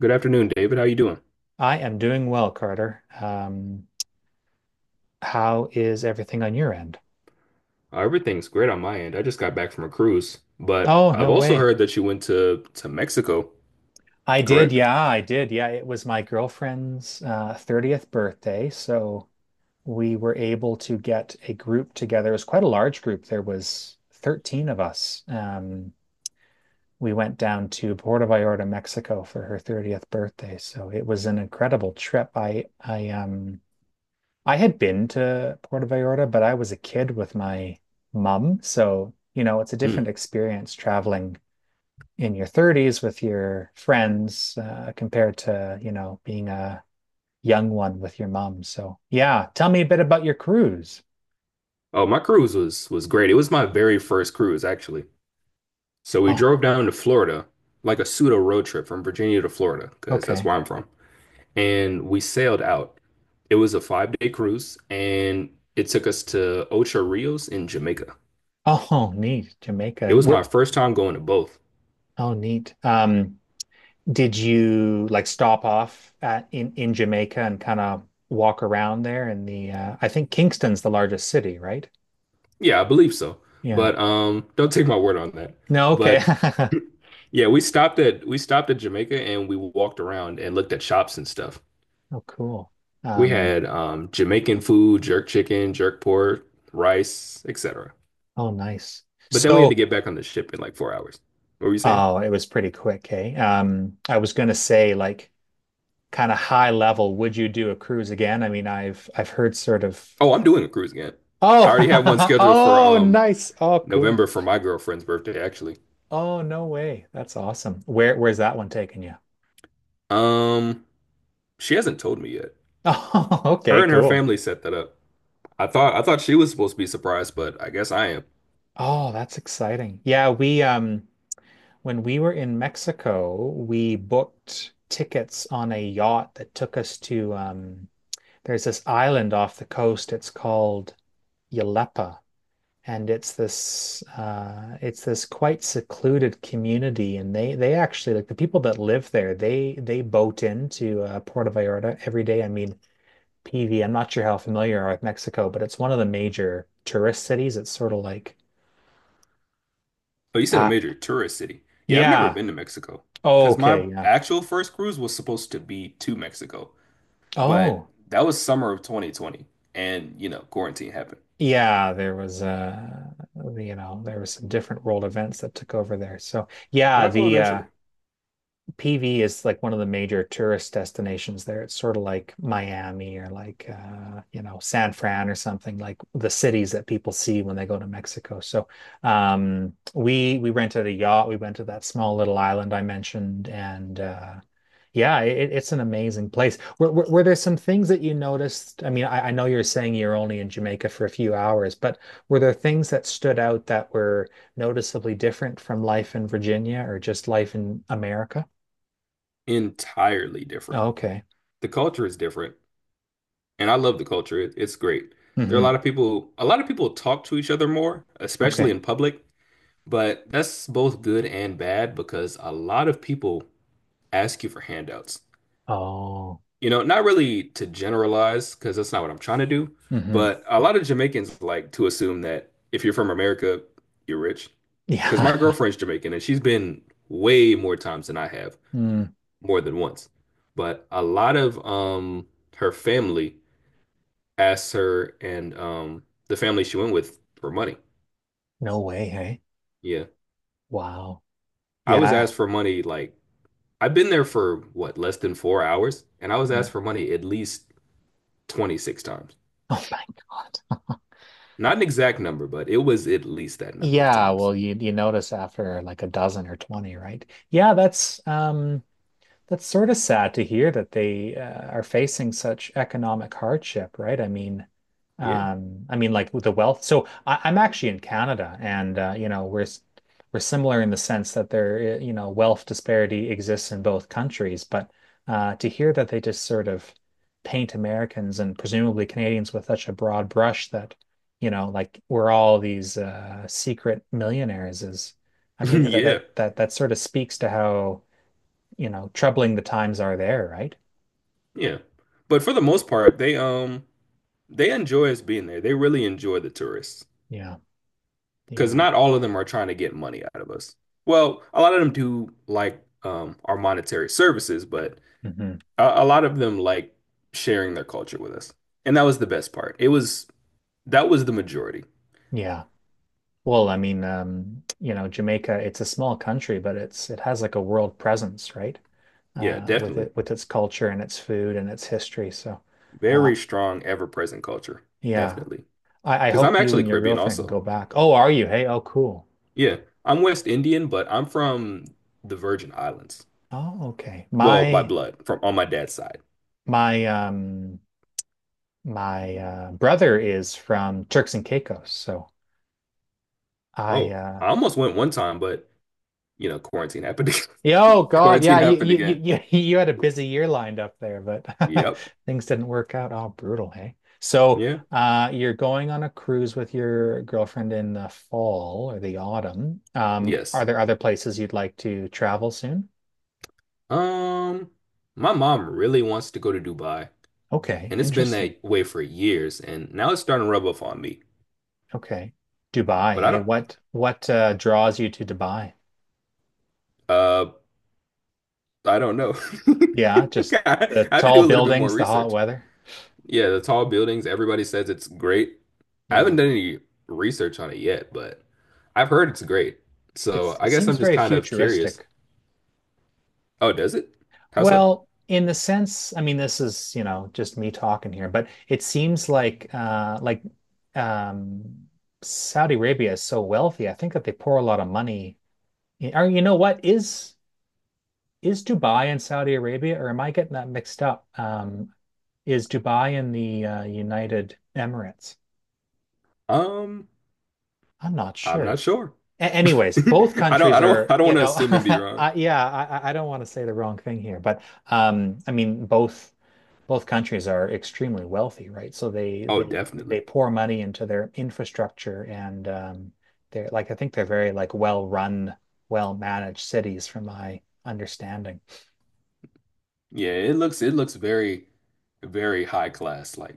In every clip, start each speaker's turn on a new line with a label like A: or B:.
A: Good afternoon, David. How you doing?
B: I am doing well, Carter. How is everything on your end?
A: Everything's great on my end. I just got back from a cruise, but
B: Oh,
A: I've
B: no
A: also
B: way.
A: heard that you went to Mexico,
B: I did.
A: correct?
B: Yeah, I did. Yeah, it was my girlfriend's 30th birthday. So we were able to get a group together. It was quite a large group. There was 13 of us. We went down to Puerto Vallarta, Mexico for her 30th birthday. So it was an incredible trip. I I had been to Puerto Vallarta, but I was a kid with my mum. So, you know, it's a different
A: Mm.
B: experience traveling in your 30s with your friends compared to, you know, being a young one with your mum. So, yeah, tell me a bit about your cruise.
A: Oh, my cruise was great. It was my very first cruise, actually. So we
B: Oh,
A: drove down to Florida, like a pseudo road trip from Virginia to Florida, because that's
B: okay.
A: where I'm from. And we sailed out. It was a 5 day cruise, and it took us to Ocho Rios in Jamaica.
B: Oh, neat.
A: It
B: Jamaica.
A: was my first time going to both.
B: Oh, neat. Did you like stop off at in Jamaica and kind of walk around there in the I think Kingston's the largest city, right?
A: Yeah, I believe so.
B: Yeah.
A: But don't take my word on that.
B: No, okay.
A: But yeah, we stopped at Jamaica and we walked around and looked at shops and stuff.
B: Oh, cool.
A: We
B: Um,
A: had Jamaican food, jerk chicken, jerk pork, rice, etc.
B: oh, nice.
A: But then we had to
B: So,
A: get back on the ship in like 4 hours. What were you saying?
B: oh, it was pretty quick, hey. I was gonna say, like, kind of high level, would you do a cruise again? I mean, I've heard sort of.
A: Oh, I'm doing a cruise again. I
B: Oh,
A: already have one scheduled for
B: oh, nice. Oh, cool.
A: November for my girlfriend's birthday, actually.
B: Oh, no way. That's awesome. Where's that one taking you?
A: Um, she hasn't told me yet.
B: Oh,
A: Her
B: okay,
A: and her
B: cool.
A: family set that up. I thought she was supposed to be surprised, but I guess I am.
B: Oh, that's exciting. Yeah, we when we were in Mexico, we booked tickets on a yacht that took us to there's this island off the coast. It's called Yalepa, and it's this quite secluded community. And they actually like the people that live there. They boat into Puerto Vallarta every day. I mean, PV. I'm not sure how familiar you are with Mexico, but it's one of the major tourist cities. It's sort of like
A: Oh, you said a
B: uh,
A: major tourist city. Yeah, I've never
B: yeah.
A: been to Mexico
B: Oh,
A: because my
B: okay, yeah.
A: actual first cruise was supposed to be to Mexico,
B: Oh,
A: but that was summer of 2020 and, you know, quarantine happened.
B: yeah. There was you know, there was some different world events that took over there. So
A: But
B: yeah,
A: I'll go
B: the
A: eventually.
B: PV is like one of the major tourist destinations there. It's sort of like Miami or like you know, San Fran or something, like the cities that people see when they go to Mexico. So we rented a yacht. We went to that small little island I mentioned and yeah, it's an amazing place. Were there some things that you noticed? I mean, I know you're saying you're only in Jamaica for a few hours, but were there things that stood out that were noticeably different from life in Virginia or just life in America?
A: Entirely different.
B: Oh, okay.
A: The culture is different, and I love the culture. It's great. There are a lot
B: Hmm.
A: of people, a lot of people talk to each other more, especially
B: Okay.
A: in public, but that's both good and bad because a lot of people ask you for handouts.
B: Oh.
A: You know, not really to generalize, because that's not what I'm trying to do,
B: Hmm.
A: but a lot of Jamaicans like to assume that if you're from America, you're rich. Because
B: Yeah.
A: my girlfriend's Jamaican and she's been way more times than I have,
B: Mm.
A: more than once. But a lot of her family asked her and the family she went with for money.
B: No way, hey?
A: Yeah.
B: Wow.
A: I was
B: Yeah.
A: asked for money like I've been there for what, less than 4 hours, and I was
B: Yeah.
A: asked for money at least 26 times.
B: Oh my God.
A: Not an exact number, but it was at least that number of
B: Yeah,
A: times.
B: well, you notice after like a dozen or 20, right? Yeah, that's sort of sad to hear that they are facing such economic hardship, right?
A: Yeah.
B: I mean, like with the wealth. So I'm actually in Canada, and you know, we're similar in the sense that there, you know, wealth disparity exists in both countries. But to hear that they just sort of paint Americans and presumably Canadians with such a broad brush that, you know, like we're all these secret millionaires is, I mean, that
A: Yeah.
B: that that that sort of speaks to how, you know, troubling the times are there, right?
A: Yeah. But for the most part, they they enjoy us being there. They really enjoy the tourists
B: Yeah.
A: because
B: Yeah.
A: not all of them are trying to get money out of us. Well, a lot of them do like our monetary services, but
B: Hmm.
A: a lot of them like sharing their culture with us. And that was the best part. It was That was the majority.
B: Yeah. Well, I mean, you know, Jamaica, it's a small country, but it's it has like a world presence, right?
A: Yeah,
B: With
A: definitely.
B: it with its culture and its food and its history. So, uh,
A: Very strong, ever-present culture.
B: yeah.
A: Definitely.
B: I
A: Because I'm
B: hope you
A: actually
B: and your
A: Caribbean
B: girlfriend can
A: also.
B: go back. Oh, are you? Hey, oh, cool.
A: Yeah, I'm West Indian, but I'm from the Virgin Islands.
B: Oh, okay.
A: Well, by blood, from on my dad's side.
B: My um my brother is from Turks and Caicos, so I
A: Oh, I almost went one time, but you know, quarantine happened.
B: yeah, oh God,
A: Quarantine
B: yeah, you
A: happened
B: you
A: again.
B: you you you had a busy year lined up there, but
A: Yep.
B: things didn't work out. Oh, brutal, hey. So,
A: Yeah.
B: you're going on a cruise with your girlfriend in the fall or the autumn.
A: Yes.
B: Are there other places you'd like to travel soon?
A: Um, my mom really wants to go to Dubai,
B: Okay,
A: and it's been
B: interesting.
A: that way for years, and now it's starting to rub off on me.
B: Okay. Dubai,
A: But
B: hey, what draws you to Dubai?
A: uh, I don't know.
B: Yeah, just
A: I
B: the
A: have to do
B: tall
A: a little bit more
B: buildings, the hot
A: research.
B: weather.
A: Yeah, the tall buildings, everybody says it's great. I haven't
B: Yeah.
A: done any research on it yet, but I've heard it's great. So
B: It's it
A: I guess
B: seems
A: I'm just
B: very
A: kind of curious.
B: futuristic.
A: Oh, does it? How so?
B: Well, in the sense, I mean, this is, you know, just me talking here, but it seems like um Saudi Arabia is so wealthy. I think that they pour a lot of money in, or you know what, is Dubai and Saudi Arabia, or am I getting that mixed up? Is Dubai in the United Emirates?
A: Um,
B: I'm not
A: I'm not
B: sure.
A: sure.
B: Anyways, both countries are,
A: I don't
B: you
A: want to
B: know,
A: assume and be wrong.
B: yeah, I don't want to say the wrong thing here, but I mean, both. Both countries are extremely wealthy, right? So they
A: Oh,
B: they they
A: definitely.
B: pour money into their infrastructure and they're like I think they're very like well run, well managed cities from my understanding.
A: It looks very, very high class, like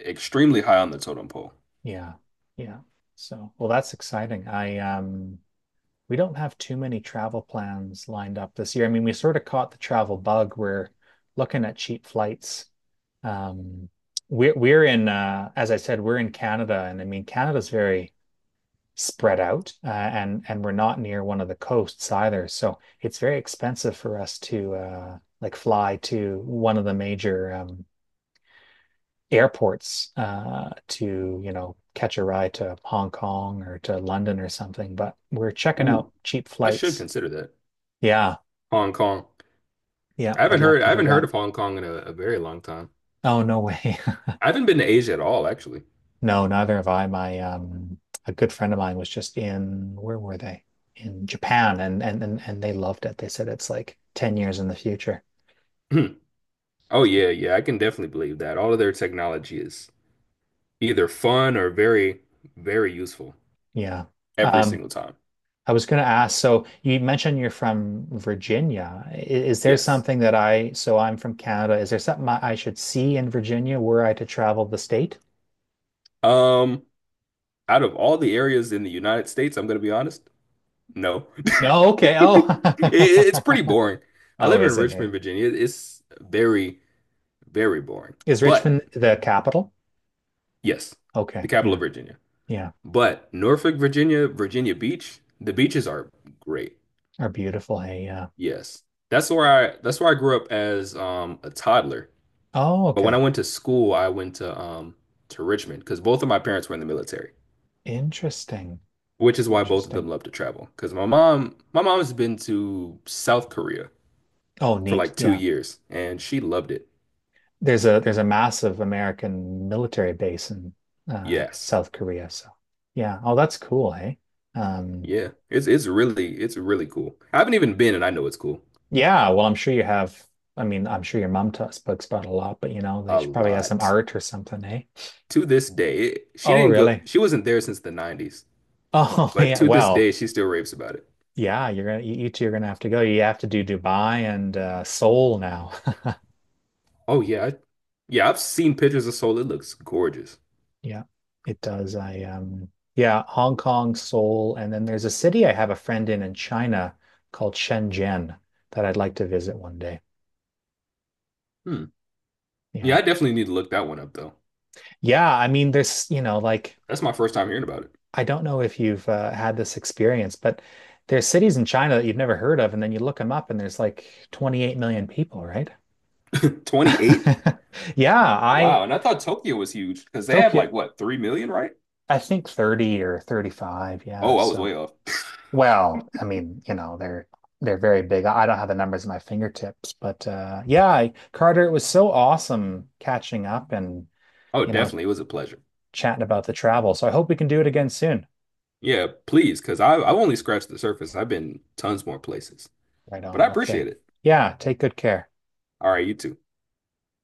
A: extremely high on the totem pole.
B: Yeah. Yeah. So, well, that's exciting. I we don't have too many travel plans lined up this year. I mean, we sort of caught the travel bug. We're looking at cheap flights. Um we're in as I said, we're in Canada, and I mean Canada's very spread out, and we're not near one of the coasts either. So it's very expensive for us to like fly to one of the major airports to, you know, catch a ride to Hong Kong or to London or something. But we're checking
A: Ooh,
B: out cheap
A: I should
B: flights.
A: consider that.
B: Yeah,
A: Hong Kong.
B: yeah, I'd love to
A: I
B: do
A: haven't heard
B: that.
A: of Hong Kong in a very long time.
B: Oh, no way.
A: I haven't been to Asia at all, actually.
B: No, neither have I. My a good friend of mine was just in, where were they? In Japan, and they loved it. They said it's like 10 years in the future.
A: Oh yeah, yeah, I can definitely believe that. All of their technology is either fun or very, very useful
B: Yeah.
A: every
B: Um,
A: single time.
B: I was going to ask, so you mentioned you're from Virginia. There
A: Yes.
B: something that so I'm from Canada, is there something I should see in Virginia were I to travel the state?
A: Um, Out of all the areas in the United States, I'm gonna be honest, no.
B: No, okay.
A: It,
B: Oh.
A: it's pretty boring. I
B: Oh,
A: live in
B: is it,
A: Richmond,
B: hey?
A: Virginia. It's very, very boring.
B: Is
A: But
B: Richmond the capital?
A: yes,
B: Okay.
A: the capital
B: Yeah.
A: of Virginia.
B: Yeah.
A: But Norfolk, Virginia, Virginia Beach, the beaches are great.
B: Are beautiful, hey. Yeah.
A: Yes. That's where I grew up as a toddler.
B: Oh,
A: But when I
B: okay.
A: went to school, I went to Richmond because both of my parents were in the military,
B: Interesting.
A: which is why both of them
B: Interesting.
A: love to travel. Because my mom's been to South Korea
B: Oh,
A: for
B: neat.
A: like two
B: Yeah.
A: years, and she loved it.
B: There's a massive American military base in
A: Yes,
B: South Korea. So yeah, oh that's cool, hey. Um,
A: yeah, it's really cool. I haven't even been, and I know it's cool
B: yeah, well I'm sure you have. I mean, I'm sure your mom t speaks about a lot, but you know they
A: a
B: should probably have some
A: lot
B: art or something, eh?
A: to this day. She
B: Oh
A: didn't go,
B: really?
A: she wasn't there since the 90s,
B: Oh
A: but
B: yeah.
A: to this
B: Well,
A: day, she still raves about it.
B: yeah. You two are gonna have to go. You have to do Dubai and Seoul now.
A: Oh yeah, yeah, I've seen pictures of Seoul. It looks gorgeous.
B: Yeah, it does. I yeah, Hong Kong, Seoul, and then there's a city I have a friend in China called Shenzhen that I'd like to visit one day.
A: Hmm. Yeah,
B: Yeah.
A: I definitely need to look that one up though.
B: Yeah, I mean there's, you know, like
A: That's my first time hearing about
B: I don't know if you've had this experience, but there's cities in China that you've never heard of and then you look them up and there's like 28 million people, right?
A: it. 28?
B: Yeah, I
A: Wow. And I thought Tokyo was huge because they have
B: Tokyo,
A: like what, 3 million, right?
B: I think 30 or 35. Yeah,
A: Oh, I was
B: so,
A: way off.
B: well, I mean, you know, they're very big. I don't have the numbers at my fingertips, but yeah, I, Carter, it was so awesome catching up and,
A: Oh,
B: you know,
A: definitely. It was a pleasure.
B: chatting about the travel. So I hope we can do it again soon.
A: Yeah, please, because I've only scratched the surface. I've been tons more places,
B: Right
A: but I
B: on. Okay.
A: appreciate it.
B: Yeah, take good care.
A: All right, you too.